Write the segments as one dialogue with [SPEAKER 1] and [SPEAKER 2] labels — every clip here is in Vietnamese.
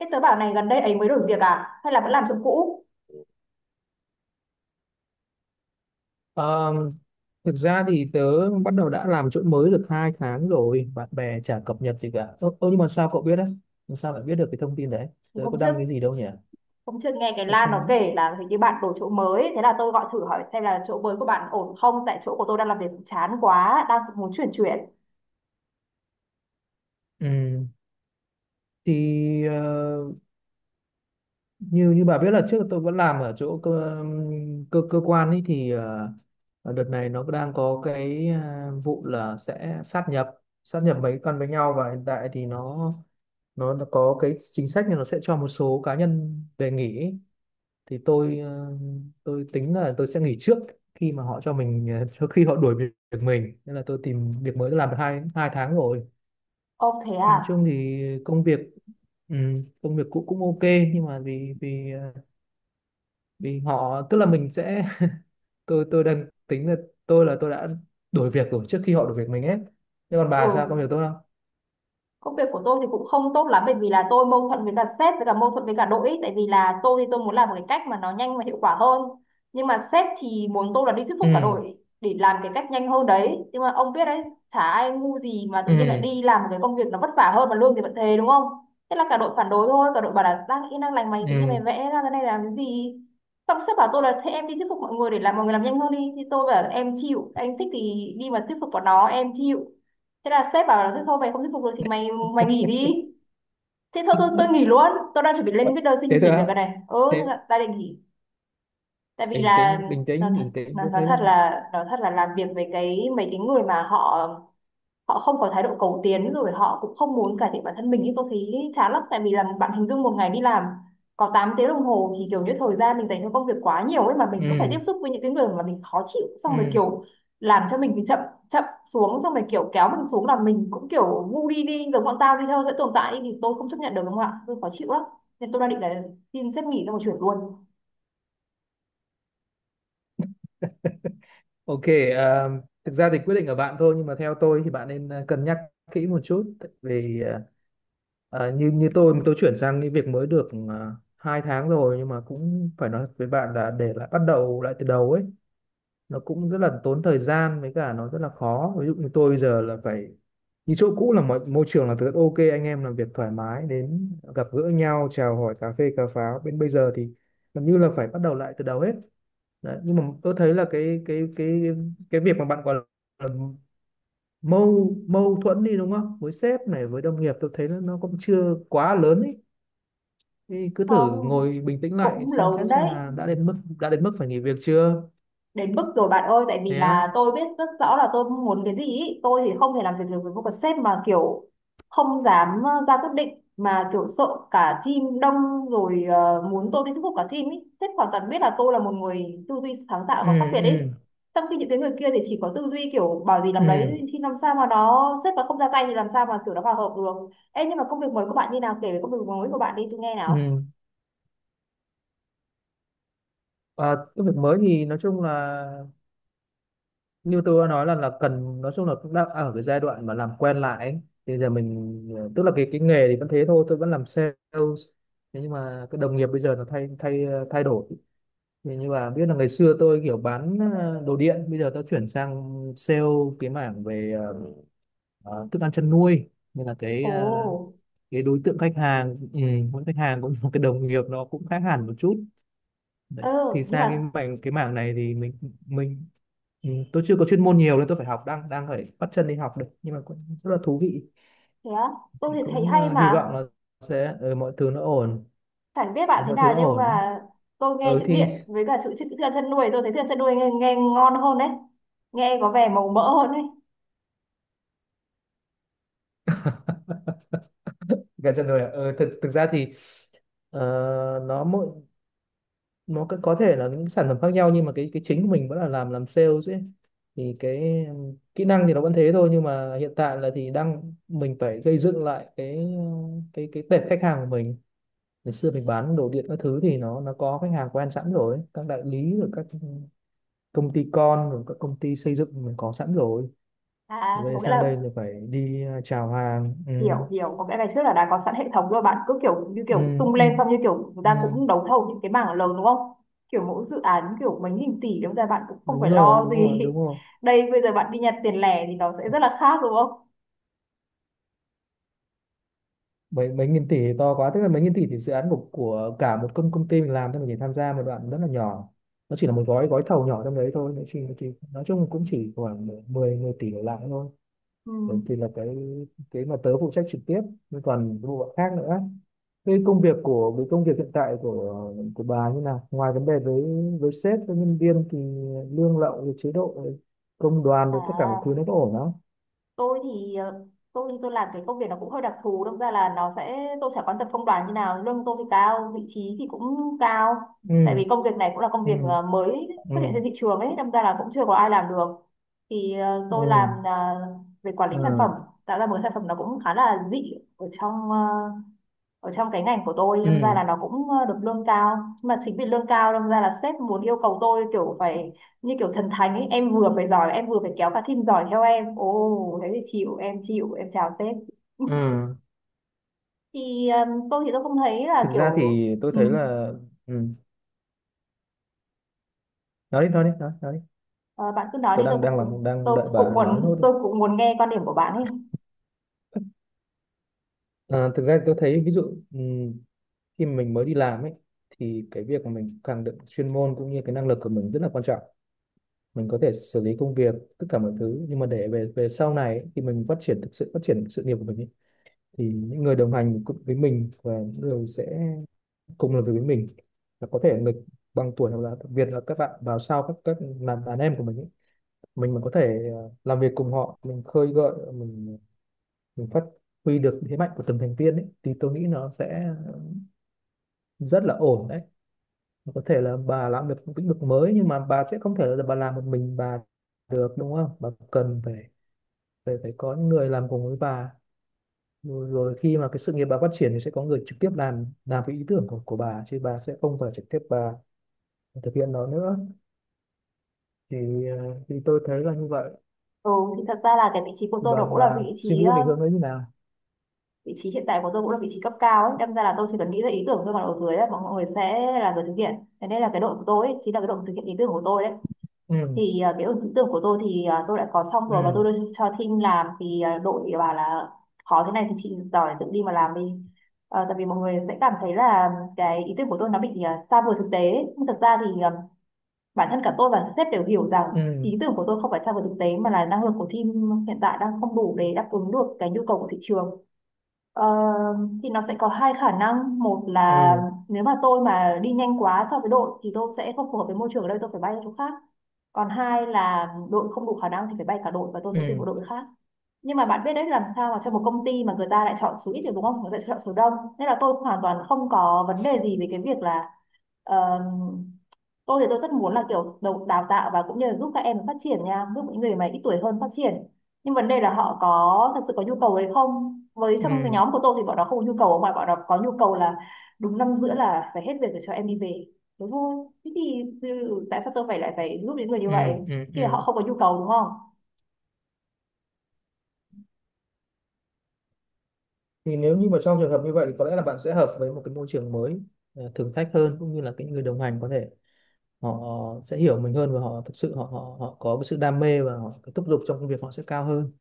[SPEAKER 1] Thế tớ bảo này, gần đây ấy mới đổi việc à? Hay là vẫn làm chỗ cũ?
[SPEAKER 2] Ờ, Thực ra thì tớ bắt đầu đã làm chỗ mới được hai tháng rồi, bạn bè chả cập nhật gì cả. Ơ, nhưng mà sao cậu biết đấy, làm sao lại biết được cái thông tin đấy?
[SPEAKER 1] Thì
[SPEAKER 2] Tớ có đăng cái gì đâu nhỉ?
[SPEAKER 1] Hôm trước nghe cái
[SPEAKER 2] Tớ
[SPEAKER 1] Lan nó
[SPEAKER 2] không,
[SPEAKER 1] kể là hình như bạn đổi chỗ mới, thế là tôi gọi thử hỏi xem là chỗ mới của bạn ổn không? Tại chỗ của tôi đang làm việc chán quá, đang muốn chuyển chuyển.
[SPEAKER 2] ừ. Thì như như bà biết là trước tôi vẫn làm ở chỗ cơ cơ, cơ quan ấy, thì đợt này nó đang có cái vụ là sẽ sát nhập mấy con với nhau, và hiện tại thì nó có cái chính sách là nó sẽ cho một số cá nhân về nghỉ ấy. Thì tôi tính là tôi sẽ nghỉ trước khi mà họ cho mình, trước khi họ đuổi việc việc mình, nên là tôi tìm việc mới, tôi làm được hai hai tháng rồi.
[SPEAKER 1] Ô thế à?
[SPEAKER 2] Nói chung thì công việc, ừ, công việc cũ cũng ok, nhưng mà vì vì ờ, vì họ tức là mình sẽ tôi đang tính là tôi đã đuổi việc rồi trước khi họ đuổi việc mình ấy. Thế còn bà sao,
[SPEAKER 1] Ừ,
[SPEAKER 2] công việc tốt không?
[SPEAKER 1] công việc của tôi thì cũng không tốt lắm, bởi vì là tôi mâu thuẫn với cả sếp, với cả mâu thuẫn với cả đội. Tại vì là tôi muốn làm một cái cách mà nó nhanh và hiệu quả hơn, nhưng mà sếp thì muốn tôi là đi thuyết phục cả
[SPEAKER 2] Ừ.
[SPEAKER 1] đội để làm cái cách nhanh hơn đấy. Nhưng mà ông biết đấy, chả ai ngu gì mà tự nhiên lại
[SPEAKER 2] Ừ.
[SPEAKER 1] đi làm một cái công việc nó vất vả hơn mà lương thì vẫn thế, đúng không? Thế là cả đội phản đối thôi, cả đội bảo là đang yên đang lành mày tự nhiên mày
[SPEAKER 2] Ừ.
[SPEAKER 1] vẽ ra cái này làm cái gì. Xong sếp bảo tôi là thế em đi thuyết phục mọi người để làm mọi người làm nhanh hơn đi, thì tôi bảo là em chịu, anh thích thì đi mà thuyết phục bọn nó, em chịu. Thế là sếp bảo là thế thôi mày không thuyết phục được thì mày mày nghỉ đi. Thế thôi, tôi nghỉ luôn, tôi đang chuẩn bị lên viết đơn
[SPEAKER 2] Thế
[SPEAKER 1] xin
[SPEAKER 2] thôi
[SPEAKER 1] nghỉ
[SPEAKER 2] á?
[SPEAKER 1] việc rồi này. Ừ,
[SPEAKER 2] Thế
[SPEAKER 1] ta định nghỉ, tại vì
[SPEAKER 2] bình
[SPEAKER 1] là
[SPEAKER 2] tĩnh, bình
[SPEAKER 1] nói
[SPEAKER 2] tĩnh,
[SPEAKER 1] thật,
[SPEAKER 2] bình tĩnh,
[SPEAKER 1] nói
[SPEAKER 2] tôi
[SPEAKER 1] nói
[SPEAKER 2] thấy là,
[SPEAKER 1] thật là nói thật là làm việc với mấy cái người mà họ họ không có thái độ cầu tiến rồi họ cũng không muốn cải thiện bản thân mình, nhưng tôi thấy chán lắm. Tại vì là bạn hình dung một ngày đi làm có 8 tiếng đồng hồ thì kiểu như thời gian mình dành cho công việc quá nhiều ấy, mà mình cứ phải
[SPEAKER 2] ừ,
[SPEAKER 1] tiếp xúc với những cái người mà mình khó chịu, xong rồi
[SPEAKER 2] ừ,
[SPEAKER 1] kiểu làm cho mình bị chậm chậm xuống, xong rồi kiểu kéo mình xuống, là mình cũng kiểu ngu đi, đi giống bọn tao đi cho dễ tồn tại, thì tôi không chấp nhận được, đúng không ạ? Tôi khó chịu lắm, nên tôi đang định là xin sếp nghỉ xong rồi chuyển luôn.
[SPEAKER 2] ok, à, thực ra thì quyết định ở bạn thôi, nhưng mà theo tôi thì bạn nên, cân nhắc kỹ một chút, tại vì như như tôi chuyển sang cái việc mới được, hai tháng rồi, nhưng mà cũng phải nói với bạn là để lại bắt đầu lại từ đầu ấy, nó cũng rất là tốn thời gian, với cả nó rất là khó. Ví dụ như tôi bây giờ là phải, như chỗ cũ là mọi môi trường là rất ok, anh em làm việc thoải mái, đến gặp gỡ nhau chào hỏi cà phê cà pháo, bên bây giờ thì gần như là phải bắt đầu lại từ đầu hết. Đấy, nhưng mà tôi thấy là cái cái việc mà bạn gọi là mâu mâu thuẫn đi đúng không, với sếp này với đồng nghiệp, tôi thấy nó cũng chưa quá lớn ý. Thì cứ thử
[SPEAKER 1] Không,
[SPEAKER 2] ngồi bình tĩnh lại
[SPEAKER 1] cũng
[SPEAKER 2] xem
[SPEAKER 1] lớn
[SPEAKER 2] xét xem
[SPEAKER 1] đấy,
[SPEAKER 2] là đã đến mức phải nghỉ việc chưa.
[SPEAKER 1] đến mức rồi bạn ơi. Tại vì
[SPEAKER 2] Thế á?
[SPEAKER 1] là tôi biết rất rõ là tôi muốn cái gì ý. Tôi thì không thể làm việc được với một cái sếp mà kiểu không dám ra quyết định, mà kiểu sợ cả team đông rồi, muốn tôi đi thuyết phục cả team ý. Sếp hoàn toàn biết là tôi là một người tư duy sáng tạo
[SPEAKER 2] Ừ.
[SPEAKER 1] và khác biệt ý,
[SPEAKER 2] Ừ.
[SPEAKER 1] trong khi những cái người kia thì chỉ có tư duy kiểu bảo gì làm
[SPEAKER 2] Ừ.
[SPEAKER 1] đấy, thì làm sao mà nó sếp mà không ra tay thì làm sao mà kiểu nó hòa hợp được. Ê, nhưng mà công việc mới của bạn như nào, kể về công việc mới của bạn đi, tôi nghe nào.
[SPEAKER 2] Ừ. Cái việc mới thì nói chung là như tôi đã nói là cần, nói chung là cũng đang ở cái giai đoạn mà làm quen lại ấy. Thì giờ mình, tức là cái nghề thì vẫn thế thôi, tôi vẫn làm sales. Thế nhưng mà cái đồng nghiệp bây giờ nó thay thay ờ, thay đổi. Thì như là biết là ngày xưa tôi kiểu bán, đồ điện, bây giờ tôi chuyển sang sale cái mảng về, thức ăn chăn nuôi, nên là
[SPEAKER 1] Ồ.
[SPEAKER 2] cái đối tượng khách hàng, ừ, mỗi khách hàng cũng một cái đồng nghiệp nó cũng khác hẳn một chút. Đấy.
[SPEAKER 1] Ừ.
[SPEAKER 2] Thì
[SPEAKER 1] Nhưng
[SPEAKER 2] sang
[SPEAKER 1] mà
[SPEAKER 2] cái mảng này thì mình, ừ, tôi chưa có chuyên môn nhiều nên tôi phải học, đang đang phải bắt chân đi học được, nhưng mà cũng rất là thú vị.
[SPEAKER 1] thế á? Tôi
[SPEAKER 2] Thì
[SPEAKER 1] thì thấy
[SPEAKER 2] cũng
[SPEAKER 1] hay
[SPEAKER 2] hy
[SPEAKER 1] mà.
[SPEAKER 2] vọng là sẽ, mọi thứ nó ổn.
[SPEAKER 1] Chẳng biết bạn
[SPEAKER 2] Nếu
[SPEAKER 1] thế
[SPEAKER 2] mọi thứ nó
[SPEAKER 1] nào, nhưng
[SPEAKER 2] ổn,
[SPEAKER 1] mà tôi nghe
[SPEAKER 2] ừ,
[SPEAKER 1] chữ
[SPEAKER 2] thì
[SPEAKER 1] điện với cả chữ chữ thức chân nuôi, tôi thấy thức chân nuôi nghe, nghe ngon hơn đấy, nghe có vẻ màu mỡ hơn đấy.
[SPEAKER 2] gần chân rồi ạ. Ừ, thực thực ra thì, ờ, nó mỗi, nó có thể là những sản phẩm khác nhau, nhưng mà cái chính của mình vẫn là làm sales ấy. Thì cái kỹ năng thì nó vẫn thế thôi, nhưng mà hiện tại là thì đang mình phải gây dựng lại cái tệp khách hàng của mình. Ngày xưa mình bán đồ điện các thứ thì nó có khách hàng quen sẵn rồi, các đại lý rồi các công ty con rồi các công ty xây dựng mình có sẵn rồi.
[SPEAKER 1] À thì
[SPEAKER 2] Về
[SPEAKER 1] có nghĩa
[SPEAKER 2] sang đây
[SPEAKER 1] là,
[SPEAKER 2] là phải đi, chào hàng. Ừ,
[SPEAKER 1] hiểu hiểu, có nghĩa ngày trước là đã có sẵn hệ thống rồi, bạn cứ kiểu như
[SPEAKER 2] ừ,
[SPEAKER 1] kiểu tung
[SPEAKER 2] ừ,
[SPEAKER 1] lên xong như kiểu người
[SPEAKER 2] ừ.
[SPEAKER 1] ta cũng đấu thầu những cái mảng lớn đúng không, kiểu mỗi dự án kiểu mấy nghìn tỷ, đúng ra bạn cũng không
[SPEAKER 2] Đúng
[SPEAKER 1] phải
[SPEAKER 2] rồi,
[SPEAKER 1] lo
[SPEAKER 2] đúng
[SPEAKER 1] gì.
[SPEAKER 2] rồi, đúng rồi.
[SPEAKER 1] Đây bây giờ bạn đi nhặt tiền lẻ thì nó sẽ rất là khác, đúng không?
[SPEAKER 2] Mấy mấy nghìn tỷ thì to quá, tức là mấy nghìn tỷ thì dự án của cả một công công ty mình làm thôi, mình chỉ tham gia một đoạn rất là nhỏ, nó chỉ là một gói gói thầu nhỏ trong đấy thôi. Nó chỉ, nó chỉ nói chung cũng chỉ khoảng 10 10 tỷ đổ lại thôi.
[SPEAKER 1] Ừ.
[SPEAKER 2] Đấy thì là cái mà tớ phụ trách trực tiếp, nhưng còn cái bộ phận khác nữa. Cái công việc của cái công việc hiện tại của bà như nào, ngoài vấn đề với sếp với nhân viên thì lương lậu rồi chế độ rồi công đoàn rồi tất cả mọi thứ
[SPEAKER 1] À,
[SPEAKER 2] nó có ổn không?
[SPEAKER 1] tôi thì tôi làm cái công việc nó cũng hơi đặc thù, đâm ra là nó sẽ tôi sẽ quan tâm công đoàn như nào. Lương tôi thì cao, vị trí thì cũng cao,
[SPEAKER 2] Ừ.
[SPEAKER 1] tại vì công việc này cũng là công việc
[SPEAKER 2] Ừ.
[SPEAKER 1] mới
[SPEAKER 2] Ừ.
[SPEAKER 1] xuất hiện trên thị trường ấy, đâm ra là cũng chưa có ai làm được. Thì tôi làm
[SPEAKER 2] Ừ.
[SPEAKER 1] về quản lý sản phẩm,
[SPEAKER 2] Ừ.
[SPEAKER 1] tạo ra một cái sản phẩm nó cũng khá là dị ở trong ở trong cái ngành của tôi, đâm ra
[SPEAKER 2] Ừ.
[SPEAKER 1] là nó cũng được lương cao. Nhưng mà chính vì lương cao đâm ra là sếp muốn yêu cầu tôi kiểu phải như kiểu thần thánh ấy, em vừa phải giỏi em vừa phải kéo cả team giỏi theo em. Ồ thế thì chịu, em chịu, em chào sếp.
[SPEAKER 2] Ừ.
[SPEAKER 1] Thì tôi không thấy là
[SPEAKER 2] Thực ra
[SPEAKER 1] kiểu.
[SPEAKER 2] thì tôi
[SPEAKER 1] Ừ,
[SPEAKER 2] thấy là, ừ. Nói đi, nói đi, nói đi.
[SPEAKER 1] ờ, bạn cứ nói đi,
[SPEAKER 2] tôi đang đang làm đang
[SPEAKER 1] tôi
[SPEAKER 2] đợi
[SPEAKER 1] cũng
[SPEAKER 2] bà nói nốt
[SPEAKER 1] muốn,
[SPEAKER 2] đi.
[SPEAKER 1] tôi cũng muốn nghe quan điểm của bạn ấy.
[SPEAKER 2] Ờ, thực ra thì tôi thấy ví dụ, ừ, khi mình mới đi làm ấy, thì cái việc mà mình càng được chuyên môn cũng như cái năng lực của mình rất là quan trọng, mình có thể xử lý công việc tất cả mọi thứ. Nhưng mà để về về sau này ấy, thì mình phát triển, thực sự phát triển sự nghiệp của mình ấy, thì những người đồng hành cùng với mình và những người sẽ cùng làm việc với mình là có thể người bằng tuổi hoặc là đặc biệt là các bạn vào sau, các làm đàn em của mình ấy. Mình mà có thể, làm việc cùng họ, mình khơi gợi, mình phát huy được thế mạnh của từng thành viên ấy, thì tôi nghĩ nó sẽ rất là ổn đấy. Có thể là bà làm được một lĩnh vực mới, nhưng mà bà sẽ không thể là bà làm một mình bà được, đúng không, bà cần phải phải phải có những người làm cùng với bà. Rồi, rồi khi mà cái sự nghiệp bà phát triển thì sẽ có người trực tiếp làm cái ý tưởng của bà, chứ bà sẽ không phải trực tiếp bà thực hiện nó nữa. Thì thì tôi thấy là như vậy.
[SPEAKER 1] Ừ, thì thật ra là cái vị trí của
[SPEAKER 2] Thì
[SPEAKER 1] tôi
[SPEAKER 2] bà
[SPEAKER 1] đó cũng là
[SPEAKER 2] bà
[SPEAKER 1] vị
[SPEAKER 2] suy
[SPEAKER 1] trí
[SPEAKER 2] nghĩ về hướng ấy như nào?
[SPEAKER 1] vị trí hiện tại của tôi cũng là vị trí cấp cao ấy, đâm ra là tôi chỉ cần nghĩ ra ý tưởng thôi, còn ở dưới ấy, mọi người sẽ là người thực hiện. Thế nên là cái đội của tôi ấy, chính là cái đội thực hiện ý tưởng của tôi đấy.
[SPEAKER 2] Ừ.
[SPEAKER 1] Thì cái ý tưởng của tôi thì tôi đã có xong rồi và tôi
[SPEAKER 2] Ừ.
[SPEAKER 1] đưa cho team làm, thì đội bảo là khó thế này thì chị giỏi tự đi mà làm đi. Ờ, tại vì mọi người sẽ cảm thấy là cái ý tưởng của tôi nó bị xa vời thực tế ấy. Nhưng thực ra thì bản thân cả tôi và sếp đều hiểu rằng
[SPEAKER 2] Ừ.
[SPEAKER 1] ý tưởng của tôi không phải xa vời thực tế, mà là năng lực của team hiện tại đang không đủ để đáp ứng được cái nhu cầu của thị trường. Ờ, thì nó sẽ có hai khả năng. Một là
[SPEAKER 2] Ừ.
[SPEAKER 1] nếu mà tôi mà đi nhanh quá so với đội thì tôi sẽ không phù hợp với môi trường ở đây, tôi phải bay ra chỗ khác. Còn hai là đội không đủ khả năng thì phải bay cả đội và tôi sẽ tuyển một
[SPEAKER 2] Ừ.
[SPEAKER 1] đội khác. Nhưng mà bạn biết đấy, làm sao mà trong một công ty mà người ta lại chọn số ít được, đúng không? Người ta chọn số đông. Nên là tôi hoàn toàn không có vấn đề gì về cái việc là ờ, tôi rất muốn là kiểu đầu đào tạo và cũng như là giúp các em phát triển nha, giúp những người mà ít tuổi hơn phát triển. Nhưng vấn đề là họ có thật sự có nhu cầu đấy không? Với
[SPEAKER 2] Ừ.
[SPEAKER 1] trong cái
[SPEAKER 2] Ừ.
[SPEAKER 1] nhóm của tôi thì bọn nó không có nhu cầu, mà bọn nó có nhu cầu là đúng năm giữa là phải hết việc để cho em đi về. Thế thôi, thế thì tại sao tôi phải lại phải giúp những người như vậy
[SPEAKER 2] Ừ. Ừ,
[SPEAKER 1] khi mà
[SPEAKER 2] ừ.
[SPEAKER 1] họ không có nhu cầu, đúng không?
[SPEAKER 2] Thì nếu như mà trong trường hợp như vậy thì có lẽ là bạn sẽ hợp với một cái môi trường mới, thử thách hơn, cũng như là cái người đồng hành có thể họ sẽ hiểu mình hơn, và họ thực sự họ họ họ có cái sự đam mê, và họ cái thúc giục trong công việc họ sẽ cao hơn.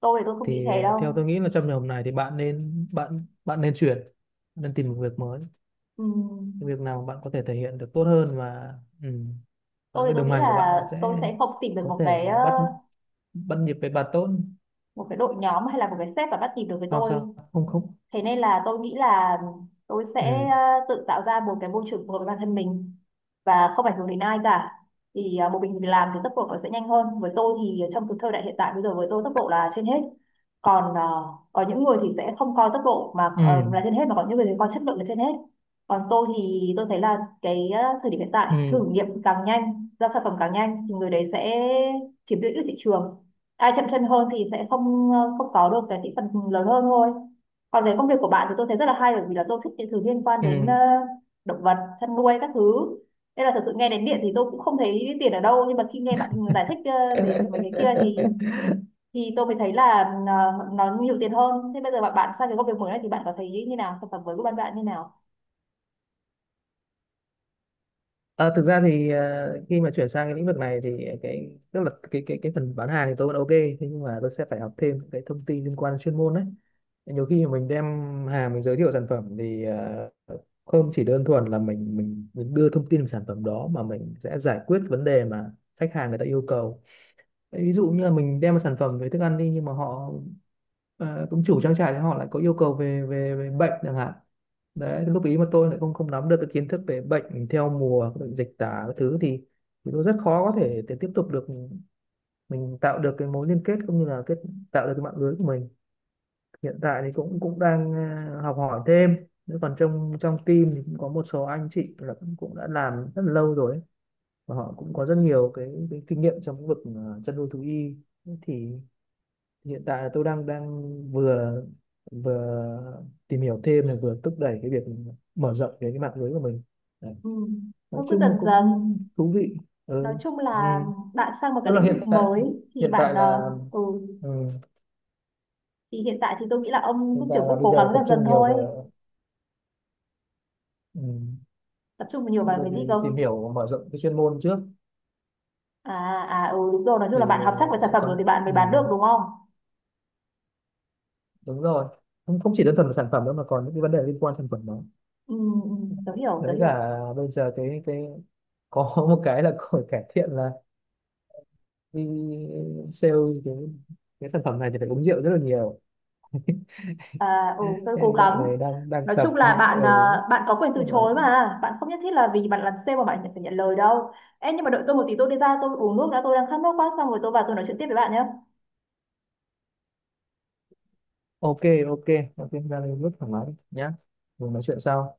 [SPEAKER 1] Tôi không nghĩ
[SPEAKER 2] Thì
[SPEAKER 1] thế
[SPEAKER 2] theo
[SPEAKER 1] đâu.
[SPEAKER 2] tôi nghĩ là trong trường hợp này thì bạn bạn nên chuyển, nên tìm một việc mới, cái
[SPEAKER 1] Ừm,
[SPEAKER 2] việc nào bạn có thể thể hiện được tốt hơn. Và ừ, và
[SPEAKER 1] tôi thì
[SPEAKER 2] người
[SPEAKER 1] tôi
[SPEAKER 2] đồng
[SPEAKER 1] nghĩ
[SPEAKER 2] hành của bạn
[SPEAKER 1] là
[SPEAKER 2] nó
[SPEAKER 1] tôi
[SPEAKER 2] sẽ
[SPEAKER 1] sẽ không tìm được
[SPEAKER 2] có
[SPEAKER 1] một cái
[SPEAKER 2] thể bắt bắt nhịp với bạn tốt.
[SPEAKER 1] một cái đội nhóm hay là một cái sếp mà bắt nhịp được với
[SPEAKER 2] Không
[SPEAKER 1] tôi.
[SPEAKER 2] sao, không, không.
[SPEAKER 1] Thế nên là tôi nghĩ là tôi sẽ
[SPEAKER 2] Ừ.
[SPEAKER 1] tự tạo ra một cái môi trường phù hợp với bản thân mình và không ảnh hưởng đến ai cả. Thì một mình làm thì tốc độ nó sẽ nhanh hơn. Với tôi thì trong cái thời đại hiện tại bây giờ, với tôi tốc độ là trên hết. Còn có những người thì sẽ không coi tốc độ mà
[SPEAKER 2] Ừ.
[SPEAKER 1] là trên hết, mà có những người thì coi chất lượng là trên hết. Còn tôi thấy là cái thời điểm hiện tại,
[SPEAKER 2] Ừ.
[SPEAKER 1] thử nghiệm càng nhanh ra sản phẩm càng nhanh thì người đấy sẽ chiếm lĩnh được thị trường. Ai chậm chân hơn thì sẽ không có được cái thị phần lớn hơn thôi. Còn cái công việc của bạn thì tôi thấy rất là hay, bởi vì là tôi thích những thứ liên quan đến
[SPEAKER 2] Ừ.
[SPEAKER 1] động vật, chăn nuôi các thứ. Nên là thật sự nghe đến điện thì tôi cũng không thấy tiền ở đâu, nhưng mà khi nghe bạn giải thích về mấy cái kia thì tôi mới thấy là ờ, nó nhiều tiền hơn. Thế bây giờ bạn bạn sang cái công việc mới này thì bạn có thấy như nào? Sản phẩm mới của bạn bạn như nào?
[SPEAKER 2] Ờ, thực ra thì, khi mà chuyển sang cái lĩnh vực này thì cái tức là cái phần bán hàng thì tôi vẫn ok, thế nhưng mà tôi sẽ phải học thêm những cái thông tin liên quan đến chuyên môn đấy. Nhiều khi mà mình đem hàng, mình giới thiệu sản phẩm thì, không chỉ đơn thuần là mình đưa thông tin về sản phẩm đó, mà mình sẽ giải quyết vấn đề mà khách hàng người ta yêu cầu. Đấy, ví dụ như là mình đem một sản phẩm về thức ăn đi, nhưng mà họ, cũng chủ trang trại, thì họ lại có yêu cầu về về bệnh chẳng hạn. Đấy lúc ý mà tôi lại không không nắm được cái kiến thức về bệnh theo mùa, bệnh dịch tả các thứ thì tôi rất khó có thể để tiếp tục được, mình tạo được cái mối liên kết, cũng như là kết, tạo được cái mạng lưới của mình. Hiện tại thì cũng cũng đang, học hỏi thêm. Nếu còn trong trong team thì cũng có một số anh chị là cũng, cũng đã làm rất là lâu rồi ấy, và họ cũng có rất nhiều cái kinh nghiệm trong lĩnh vực, chăn nuôi thú y. Thế thì hiện tại là tôi đang đang vừa, vừa tìm hiểu thêm này, vừa thúc đẩy cái việc mở rộng cái mạng lưới của mình. Đấy.
[SPEAKER 1] Ừ.
[SPEAKER 2] Nói
[SPEAKER 1] Tôi cứ
[SPEAKER 2] chung
[SPEAKER 1] dần
[SPEAKER 2] là
[SPEAKER 1] dần,
[SPEAKER 2] cũng thú vị.
[SPEAKER 1] nói
[SPEAKER 2] Ừ.
[SPEAKER 1] chung
[SPEAKER 2] Ừ.
[SPEAKER 1] là bạn sang một
[SPEAKER 2] Tức
[SPEAKER 1] cái
[SPEAKER 2] là
[SPEAKER 1] lĩnh
[SPEAKER 2] hiện
[SPEAKER 1] vực
[SPEAKER 2] tại,
[SPEAKER 1] mới thì
[SPEAKER 2] hiện
[SPEAKER 1] bạn
[SPEAKER 2] tại là,
[SPEAKER 1] ừ
[SPEAKER 2] ừ.
[SPEAKER 1] thì hiện tại thì tôi nghĩ là ông
[SPEAKER 2] Hiện
[SPEAKER 1] cũng
[SPEAKER 2] tại
[SPEAKER 1] kiểu
[SPEAKER 2] là
[SPEAKER 1] cũng
[SPEAKER 2] bây
[SPEAKER 1] cố
[SPEAKER 2] giờ là
[SPEAKER 1] gắng
[SPEAKER 2] tập
[SPEAKER 1] dần dần
[SPEAKER 2] trung nhiều
[SPEAKER 1] thôi.
[SPEAKER 2] về, ừ,
[SPEAKER 1] Tập trung nhiều vào
[SPEAKER 2] về
[SPEAKER 1] cái
[SPEAKER 2] thì
[SPEAKER 1] gì cơ?
[SPEAKER 2] tìm hiểu mở rộng cái chuyên môn trước.
[SPEAKER 1] À. À ừ đúng rồi, nói chung
[SPEAKER 2] Thì
[SPEAKER 1] là bạn học chắc về sản phẩm rồi
[SPEAKER 2] còn,
[SPEAKER 1] thì bạn mới
[SPEAKER 2] ừ.
[SPEAKER 1] bán được, đúng không?
[SPEAKER 2] Đúng rồi, không, không chỉ đơn thuần là sản phẩm đâu, mà còn những cái vấn đề liên quan sản phẩm đó.
[SPEAKER 1] Ừ, ừ, tớ hiểu tớ
[SPEAKER 2] Đấy
[SPEAKER 1] hiểu.
[SPEAKER 2] là bây giờ cái có một cái là có cải thiện là đi sale cái, cái sản phẩm này thì phải uống rượu rất là nhiều,
[SPEAKER 1] À ừ tớ cố
[SPEAKER 2] nên dạo
[SPEAKER 1] gắng.
[SPEAKER 2] này đang đang
[SPEAKER 1] Nói chung
[SPEAKER 2] tập.
[SPEAKER 1] là
[SPEAKER 2] Nhưng
[SPEAKER 1] bạn
[SPEAKER 2] ừ,
[SPEAKER 1] bạn có quyền từ
[SPEAKER 2] nhưng mà
[SPEAKER 1] chối, mà bạn không nhất thiết là vì bạn làm sale mà bạn phải nhận lời đâu. Ê, nhưng mà đợi tôi một tí, tôi đi ra tôi uống nước đã, tôi đang khát nước quá, xong rồi tôi vào tôi nói chuyện tiếp với bạn nhé.
[SPEAKER 2] ok. Ok. Ok, ra đây rất thoải mái nhá. Mình nói chuyện sau.